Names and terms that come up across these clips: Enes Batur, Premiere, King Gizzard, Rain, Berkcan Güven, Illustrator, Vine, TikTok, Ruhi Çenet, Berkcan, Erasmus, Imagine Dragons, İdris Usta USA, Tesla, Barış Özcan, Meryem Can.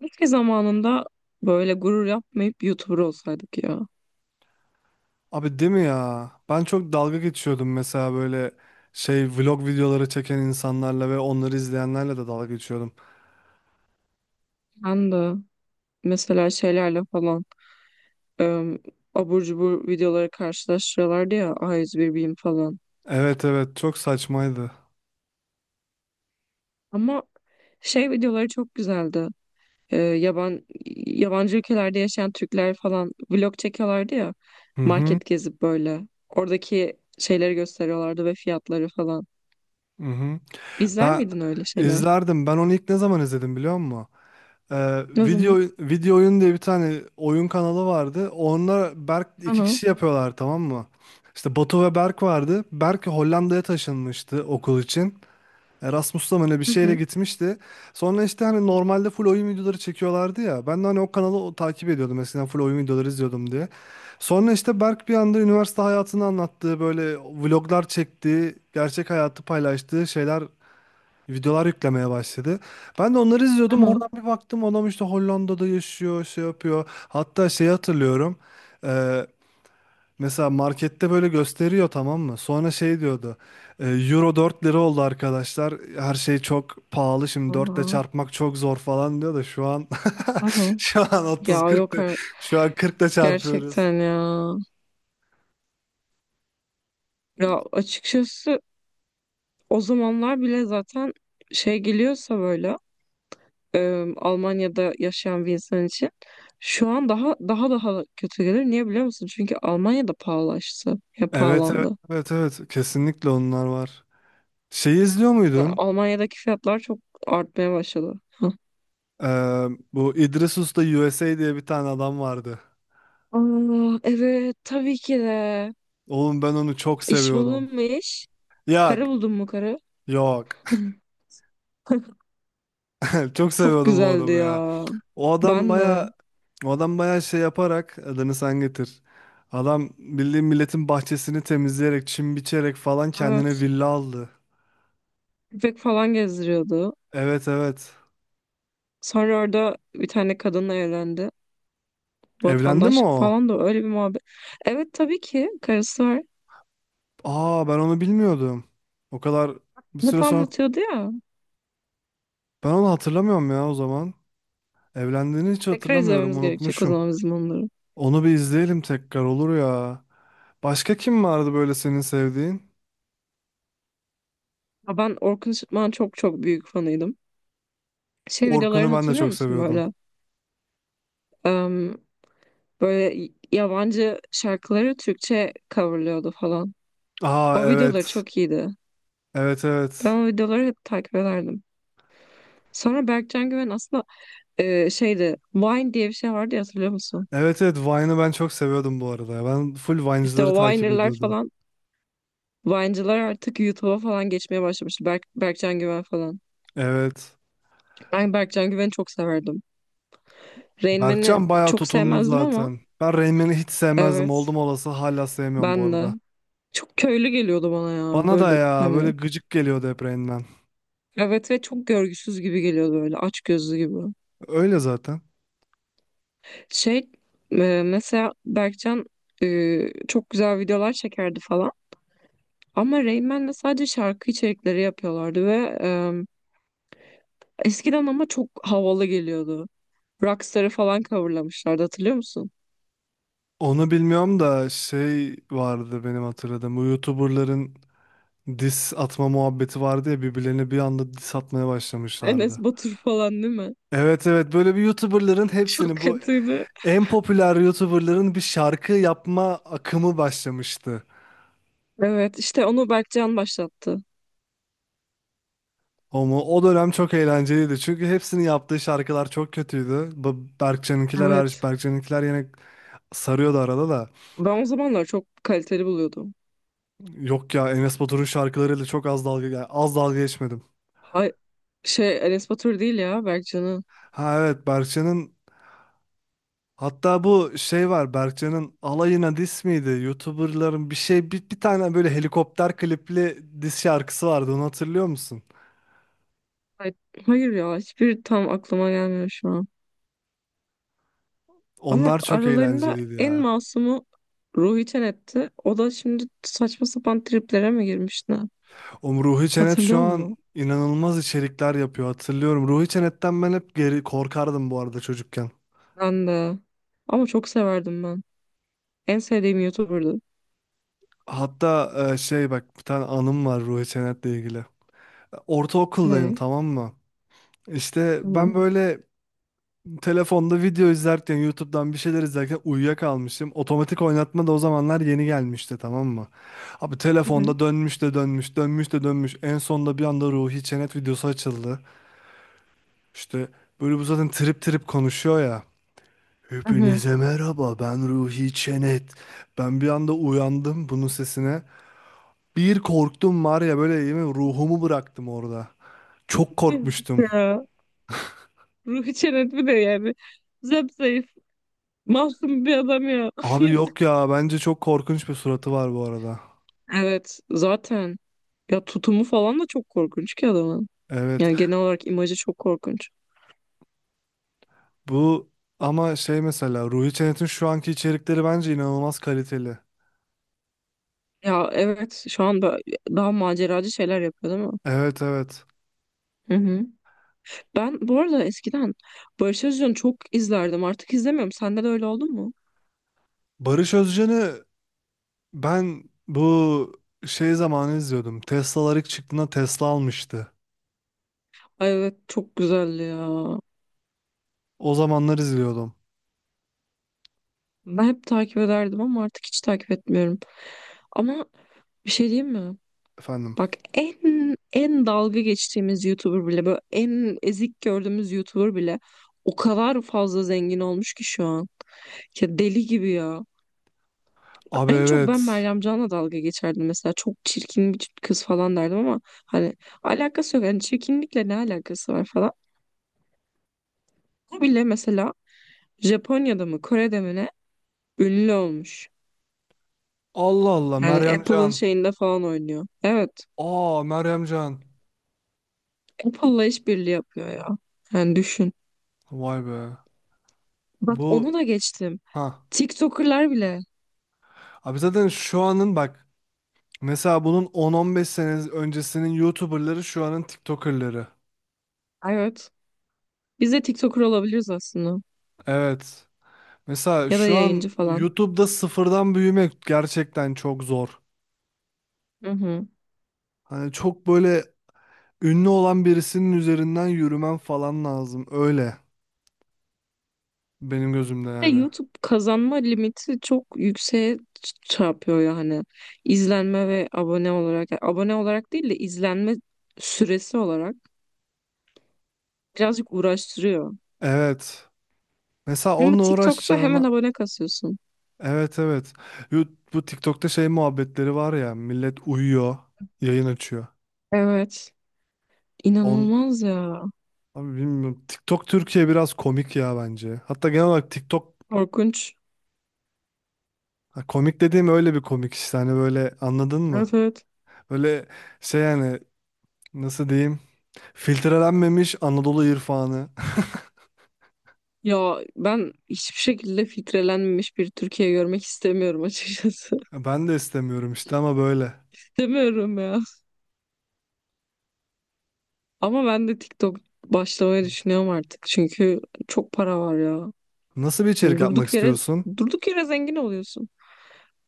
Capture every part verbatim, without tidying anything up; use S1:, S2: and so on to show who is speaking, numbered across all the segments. S1: Keşke zamanında böyle gurur yapmayıp YouTuber olsaydık ya.
S2: Abi değil mi ya? Ben çok dalga geçiyordum mesela böyle şey vlog videoları çeken insanlarla ve onları izleyenlerle de dalga geçiyordum.
S1: Ben de mesela şeylerle falan e, abur cubur videoları karşılaştırıyorlardı ya A yüz bir Beam falan.
S2: Evet evet çok saçmaydı.
S1: Ama şey videoları çok güzeldi. E, yaban, Yabancı ülkelerde yaşayan Türkler falan vlog çekiyorlardı ya.
S2: Hı hı.
S1: Market gezip böyle. Oradaki şeyleri gösteriyorlardı ve fiyatları falan.
S2: Hı hı.
S1: İzler
S2: Ben
S1: miydin öyle şeyler?
S2: izlerdim. Ben onu ilk ne zaman izledim biliyor musun? Ee,
S1: Ne zaman?
S2: video video oyun diye bir tane oyun kanalı vardı. Onlar Berk iki
S1: Aha.
S2: kişi yapıyorlar tamam mı? İşte Batu ve Berk vardı. Berk Hollanda'ya taşınmıştı okul için. Erasmus'ta mı ne bir
S1: Hı
S2: şeyle
S1: hı.
S2: gitmişti. Sonra işte hani normalde full oyun videoları çekiyorlardı ya. Ben de hani o kanalı o- takip ediyordum eskiden full oyun videoları izliyordum diye. Sonra işte Berk bir anda üniversite hayatını anlattığı böyle vloglar çektiği, gerçek hayatı paylaştığı şeyler videolar yüklemeye başladı. Ben de onları izliyordum. Oradan
S1: Aha.
S2: bir baktım adam işte Hollanda'da yaşıyor, şey yapıyor. Hatta şeyi hatırlıyorum. Mesela markette böyle gösteriyor tamam mı? Sonra şey diyordu. e, Euro dört lira oldu arkadaşlar. Her şey çok pahalı. Şimdi dört ile
S1: Aha.
S2: çarpmak çok zor falan diyor da şu an
S1: Aha.
S2: şu an
S1: Ya
S2: otuz kırk
S1: yok.
S2: de- şu an kırk ile çarpıyoruz.
S1: Gerçekten ya. Ya açıkçası o zamanlar bile zaten şey geliyorsa böyle e, Almanya'da yaşayan bir insan için şu an daha daha daha kötü gelir. Niye biliyor musun? Çünkü Almanya'da pahalaştı. Ya
S2: Evet evet
S1: pahalandı.
S2: evet evet. Kesinlikle onlar var. Şey izliyor
S1: Yani
S2: muydun?
S1: Almanya'daki fiyatlar çok artmaya başladı.
S2: Ee, bu İdris Usta U S A diye bir tane adam vardı.
S1: Aa, evet tabii ki de.
S2: Oğlum ben onu çok
S1: İş
S2: seviyordum.
S1: buldun mu iş?
S2: Yok
S1: Karı buldun mu karı?
S2: yok. Çok
S1: Çok
S2: seviyordum o
S1: güzeldi
S2: adamı ya.
S1: ya.
S2: O adam
S1: Ben de.
S2: baya o adam baya şey yaparak adını sen getir. Adam bildiğin milletin bahçesini temizleyerek, çim biçerek falan kendine
S1: Evet.
S2: villa aldı.
S1: Köpek falan gezdiriyordu.
S2: Evet evet.
S1: Sonra orada bir tane kadınla evlendi.
S2: Evlendi mi
S1: Vatandaşlık
S2: o?
S1: falan da öyle bir muhabbet. Evet tabii ki karısı var.
S2: Aa ben onu bilmiyordum. O kadar bir
S1: Hep
S2: süre sonra
S1: anlatıyordu ya.
S2: ben onu hatırlamıyorum ya o zaman. Evlendiğini hiç
S1: Tekrar
S2: hatırlamıyorum,
S1: izlememiz gerekecek o
S2: unutmuşum.
S1: zaman bizim onları.
S2: Onu bir izleyelim tekrar olur ya. Başka kim vardı böyle senin sevdiğin?
S1: Ya ben Orkun Işıtmak'ın çok çok büyük fanıydım. Şey
S2: Orkun'u
S1: videolarını
S2: ben de
S1: hatırlıyor
S2: çok
S1: musun
S2: seviyordum.
S1: böyle? Em, Böyle yabancı şarkıları Türkçe coverlıyordu falan.
S2: Aa
S1: O videoları
S2: evet.
S1: çok iyiydi.
S2: Evet
S1: Ben
S2: evet.
S1: o videoları hep takip ederdim. Sonra Berkcan Güven aslında e, şeydi, Vine diye bir şey vardı ya, hatırlıyor musun?
S2: Evet evet Vine'ı ben çok seviyordum bu arada. Ben full
S1: İşte
S2: Vine'cıları
S1: o
S2: takip
S1: Viner'lar
S2: ediyordum.
S1: falan, Vine'cılar artık YouTube'a falan geçmeye başlamış. Berk, Berkcan Güven falan.
S2: Evet.
S1: Ben Berkcan Güven'i çok severdim. Rain Man'i
S2: Berkcan bayağı
S1: çok
S2: tutundu
S1: sevmezdim ama
S2: zaten. Ben Rain hiç sevmezdim. Oldum
S1: evet,
S2: olası hala sevmiyorum bu
S1: ben de.
S2: arada.
S1: Çok köylü geliyordu bana ya,
S2: Bana da
S1: böyle
S2: ya böyle
S1: hani.
S2: gıcık geliyordu hep Rain Man.
S1: Evet, ve çok görgüsüz gibi geliyordu böyle, aç gözlü gibi.
S2: Öyle zaten.
S1: Şey e, Mesela Berkcan e, çok güzel videolar çekerdi falan. Ama Rain Man'le sadece şarkı içerikleri yapıyorlardı ve e, eskiden ama çok havalı geliyordu. Rockstar'ı falan coverlamışlardı, hatırlıyor musun?
S2: Onu bilmiyorum da şey vardı benim hatırladığım. Bu YouTuber'ların diss atma muhabbeti vardı ya birbirlerine bir anda diss atmaya
S1: Enes
S2: başlamışlardı.
S1: Batur falan değil mi?
S2: Evet evet böyle bir YouTuber'ların
S1: Çok
S2: hepsini bu
S1: kötüydü.
S2: en popüler YouTuber'ların bir şarkı yapma akımı başlamıştı.
S1: Evet, işte onu Berkcan başlattı.
S2: O mu? O dönem çok eğlenceliydi. Çünkü hepsinin yaptığı şarkılar çok kötüydü. Bu Berkcan'ınkiler hariç
S1: Evet.
S2: Berkcan'ınkiler yine sarıyordu arada da.
S1: Ben o zamanlar çok kaliteli buluyordum.
S2: Yok ya Enes Batur'un şarkılarıyla çok az dalga yani az dalga geçmedim.
S1: Hay şey Enes Batur değil ya, Berkcan'ı.
S2: Ha evet Berkcan'ın hatta bu şey var Berkcan'ın alayına diss miydi? YouTuber'ların bir şey bir, bir tane böyle helikopter klipli diss şarkısı vardı onu hatırlıyor musun?
S1: Hay- Hayır ya, hiçbir tam aklıma gelmiyor şu an. Ama
S2: Onlar çok
S1: aralarında
S2: eğlenceliydi
S1: en
S2: ya.
S1: masumu Ruhi Çenet'ti. O da şimdi saçma sapan triplere mi girmişti?
S2: O Ruhi Çenet şu
S1: Hatırlıyor
S2: an
S1: musun?
S2: inanılmaz içerikler yapıyor hatırlıyorum. Ruhi Çenet'ten ben hep geri korkardım bu arada çocukken.
S1: Ben de. Ama çok severdim ben. En sevdiğim YouTuber'dı.
S2: Hatta e, şey bak bir tane anım var Ruhi Çenet'le ilgili. Ortaokuldayım
S1: Ne?
S2: tamam mı? İşte ben
S1: Tamam.
S2: böyle telefonda video izlerken YouTube'dan bir şeyler izlerken uyuyakalmışım. Otomatik oynatma da o zamanlar yeni gelmişti tamam mı? Abi
S1: Hı hı.
S2: telefonda dönmüş de dönmüş, dönmüş de dönmüş. En sonunda bir anda Ruhi Çenet videosu açıldı. İşte böyle bu zaten trip trip konuşuyor ya.
S1: Hı hı.
S2: Hepinize merhaba, ben Ruhi Çenet. Ben bir anda uyandım bunun sesine. Bir korktum var ya böyle yemin ruhumu bıraktım orada. Çok
S1: Yazık
S2: korkmuştum.
S1: ya. Ruhi Çenet bir de yani. Zayıf, masum bir adam ya.
S2: Abi yok
S1: Yazık.
S2: ya bence çok korkunç bir suratı var bu arada.
S1: Evet zaten. Ya tutumu falan da çok korkunç ki adamın.
S2: Evet
S1: Yani genel olarak imajı çok korkunç.
S2: bu ama şey mesela Ruhi Çenet'in şu anki içerikleri bence inanılmaz kaliteli.
S1: Ya evet, şu an daha maceracı şeyler yapıyor değil mi?
S2: Evet evet.
S1: Hı hı. Ben bu arada eskiden Barış Özcan'ı çok izlerdim. Artık izlemiyorum. Sende de öyle oldu mu?
S2: Barış Özcan'ı ben bu şey zamanı izliyordum. Teslalar ilk çıktığında Tesla almıştı.
S1: Ay evet, çok güzeldi ya.
S2: O zamanlar izliyordum
S1: Ben hep takip ederdim ama artık hiç takip etmiyorum. Ama bir şey diyeyim mi?
S2: efendim.
S1: Bak, en en dalga geçtiğimiz YouTuber bile, böyle en ezik gördüğümüz YouTuber bile o kadar fazla zengin olmuş ki şu an. Ya deli gibi ya.
S2: Abi
S1: En çok ben
S2: evet.
S1: Meryem Can'la dalga geçerdim mesela. Çok çirkin bir kız falan derdim ama hani alakası yok. Yani çirkinlikle ne alakası var falan. O bile mesela Japonya'da mı, Kore'de mi, ne, ünlü olmuş.
S2: Allah Allah
S1: Yani
S2: Meryem
S1: Apple'ın
S2: Can.
S1: şeyinde falan oynuyor. Evet.
S2: Aa Meryem Can.
S1: Apple'la işbirliği yapıyor ya. Yani düşün.
S2: Vay be.
S1: Bak, onu
S2: Bu
S1: da geçtim.
S2: ha.
S1: TikToker'lar bile.
S2: Abi zaten şu anın bak mesela bunun on on beş sene öncesinin YouTuber'ları şu anın TikToker'ları.
S1: Evet. Biz de TikToker olabiliriz aslında.
S2: Evet. Mesela
S1: Ya da
S2: şu
S1: yayıncı
S2: an
S1: falan.
S2: YouTube'da sıfırdan büyümek gerçekten çok zor.
S1: Hı hı.
S2: Hani çok böyle ünlü olan birisinin üzerinden yürümen falan lazım. Öyle benim gözümde
S1: De
S2: yani.
S1: YouTube kazanma limiti çok yükseğe ç- çarpıyor yani. İzlenme ve abone olarak. Yani abone olarak değil de izlenme süresi olarak birazcık uğraştırıyor.
S2: Evet. Mesela
S1: Ama
S2: onunla
S1: TikTok'ta hemen
S2: uğraşacağım.
S1: abone kasıyorsun.
S2: Evet evet. Yo, bu TikTok'ta şey muhabbetleri var ya millet uyuyor, yayın açıyor.
S1: Evet.
S2: On
S1: İnanılmaz ya.
S2: abi bilmiyorum. TikTok Türkiye biraz komik ya bence. Hatta genel olarak TikTok
S1: Korkunç.
S2: ha, komik dediğim öyle bir komik işte hani böyle anladın mı?
S1: Evet evet.
S2: Böyle şey yani nasıl diyeyim? Filtrelenmemiş Anadolu irfanı.
S1: Ya ben hiçbir şekilde filtrelenmemiş bir Türkiye görmek istemiyorum açıkçası.
S2: Ben de istemiyorum işte ama böyle.
S1: İstemiyorum ya. Ama ben de TikTok başlamayı düşünüyorum artık. Çünkü çok para var ya.
S2: Nasıl bir
S1: Hani
S2: içerik yapmak
S1: durduk yere,
S2: istiyorsun?
S1: durduk yere zengin oluyorsun.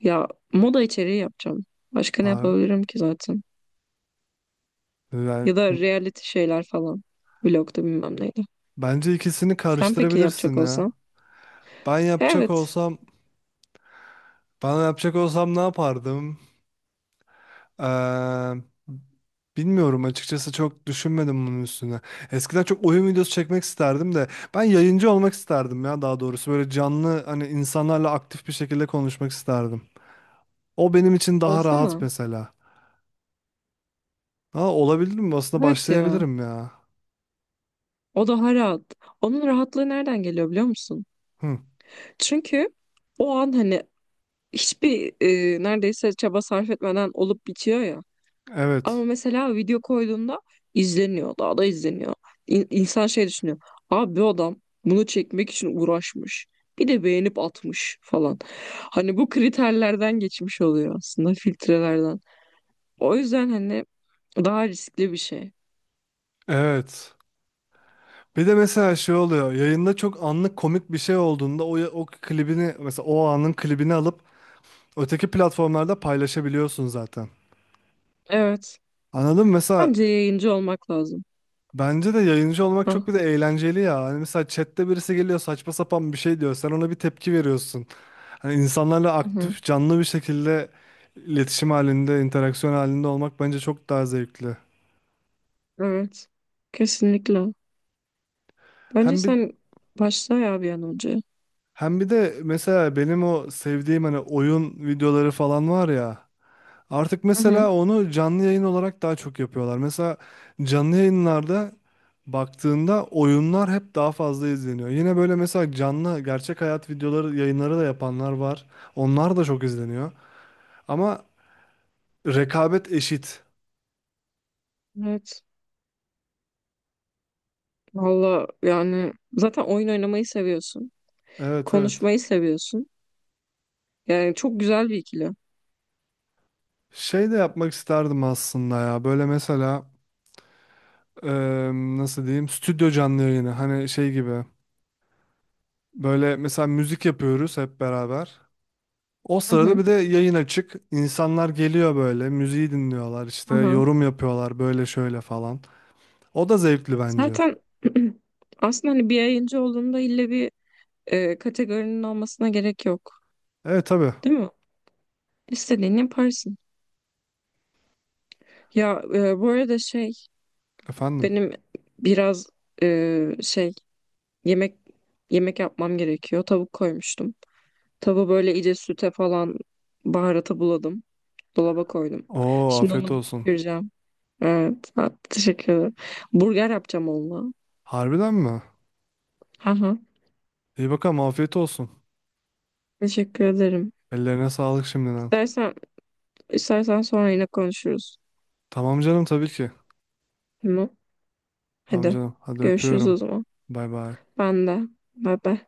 S1: Ya moda içeriği yapacağım. Başka ne
S2: Ha,
S1: yapabilirim ki zaten?
S2: yani
S1: Ya da reality şeyler falan. Vlog'da bilmem neydi.
S2: bence ikisini
S1: Sen peki
S2: karıştırabilirsin
S1: yapacak
S2: ya.
S1: olsan?
S2: Ben yapacak
S1: Evet.
S2: olsam Bana yapacak olsam ne yapardım? Eee, bilmiyorum açıkçası çok düşünmedim bunun üstüne. Eskiden çok oyun videosu çekmek isterdim de ben yayıncı olmak isterdim ya daha doğrusu. Böyle canlı hani insanlarla aktif bir şekilde konuşmak isterdim. O benim için daha rahat
S1: Olsana.
S2: mesela. Ha, olabilir mi? Aslında
S1: Evet ya.
S2: başlayabilirim ya.
S1: O daha rahat. Onun rahatlığı nereden geliyor biliyor musun?
S2: Hı,
S1: Çünkü o an hani hiçbir e, neredeyse çaba sarf etmeden olup bitiyor ya. Ama
S2: evet.
S1: mesela video koyduğunda izleniyor. Daha da izleniyor. İn- İnsan şey düşünüyor. Abi bu adam bunu çekmek için uğraşmış. Bir de beğenip atmış falan. Hani bu kriterlerden geçmiş oluyor aslında, filtrelerden. O yüzden hani daha riskli bir şey.
S2: Evet. Bir de mesela şey oluyor. Yayında çok anlık komik bir şey olduğunda o, o klibini mesela o anın klibini alıp öteki platformlarda paylaşabiliyorsun zaten.
S1: Evet.
S2: Anladım. Mesela
S1: Bence yayıncı olmak lazım.
S2: bence de yayıncı olmak çok bir
S1: Ha.
S2: de eğlenceli ya. Hani mesela chatte birisi geliyor saçma sapan bir şey diyor. Sen ona bir tepki veriyorsun. Hani insanlarla
S1: Hı hı.
S2: aktif, canlı bir şekilde iletişim halinde, interaksiyon halinde olmak bence çok daha zevkli.
S1: Evet. Kesinlikle. Bence
S2: Hem bir
S1: sen başla ya bir an önce.
S2: hem bir de mesela benim o sevdiğim hani oyun videoları falan var ya. Artık
S1: Hı hı.
S2: mesela onu canlı yayın olarak daha çok yapıyorlar. Mesela canlı yayınlarda baktığında oyunlar hep daha fazla izleniyor. Yine böyle mesela canlı gerçek hayat videoları yayınları da yapanlar var. Onlar da çok izleniyor. Ama rekabet eşit.
S1: Evet. Valla yani zaten oyun oynamayı seviyorsun.
S2: Evet evet.
S1: Konuşmayı seviyorsun. Yani çok güzel bir ikili.
S2: Şey de yapmak isterdim aslında ya. Böyle mesela eee, nasıl diyeyim stüdyo canlı yayını. Hani şey gibi. Böyle mesela müzik yapıyoruz hep beraber. O
S1: Hı
S2: sırada
S1: hı.
S2: bir de yayın açık. İnsanlar geliyor böyle, müziği dinliyorlar, işte
S1: Hı hı.
S2: yorum yapıyorlar böyle şöyle falan. O da zevkli bence.
S1: Zaten aslında hani bir yayıncı olduğunda ille bir e, kategorinin olmasına gerek yok.
S2: Evet tabii.
S1: Değil mi? İstediğini yaparsın. Ya e, bu arada şey,
S2: Efendim.
S1: benim biraz e, şey yemek yemek yapmam gerekiyor. Tavuk koymuştum. Tavuğu böyle iyice süte falan, baharata buladım. Dolaba koydum.
S2: Oo
S1: Şimdi
S2: afiyet
S1: onu bir
S2: olsun.
S1: pişireceğim. Evet. Ha, teşekkür ederim. Burger yapacağım onunla.
S2: Harbiden mi?
S1: Aha,
S2: İyi bakalım afiyet olsun.
S1: teşekkür ederim.
S2: Ellerine sağlık şimdiden.
S1: İstersen İstersen sonra yine konuşuruz.
S2: Tamam canım tabii ki.
S1: Tamam.
S2: Tamam
S1: Hadi.
S2: canım. Hadi
S1: Görüşürüz
S2: öpüyorum.
S1: o zaman.
S2: Bay bay.
S1: Ben de. Bay bay.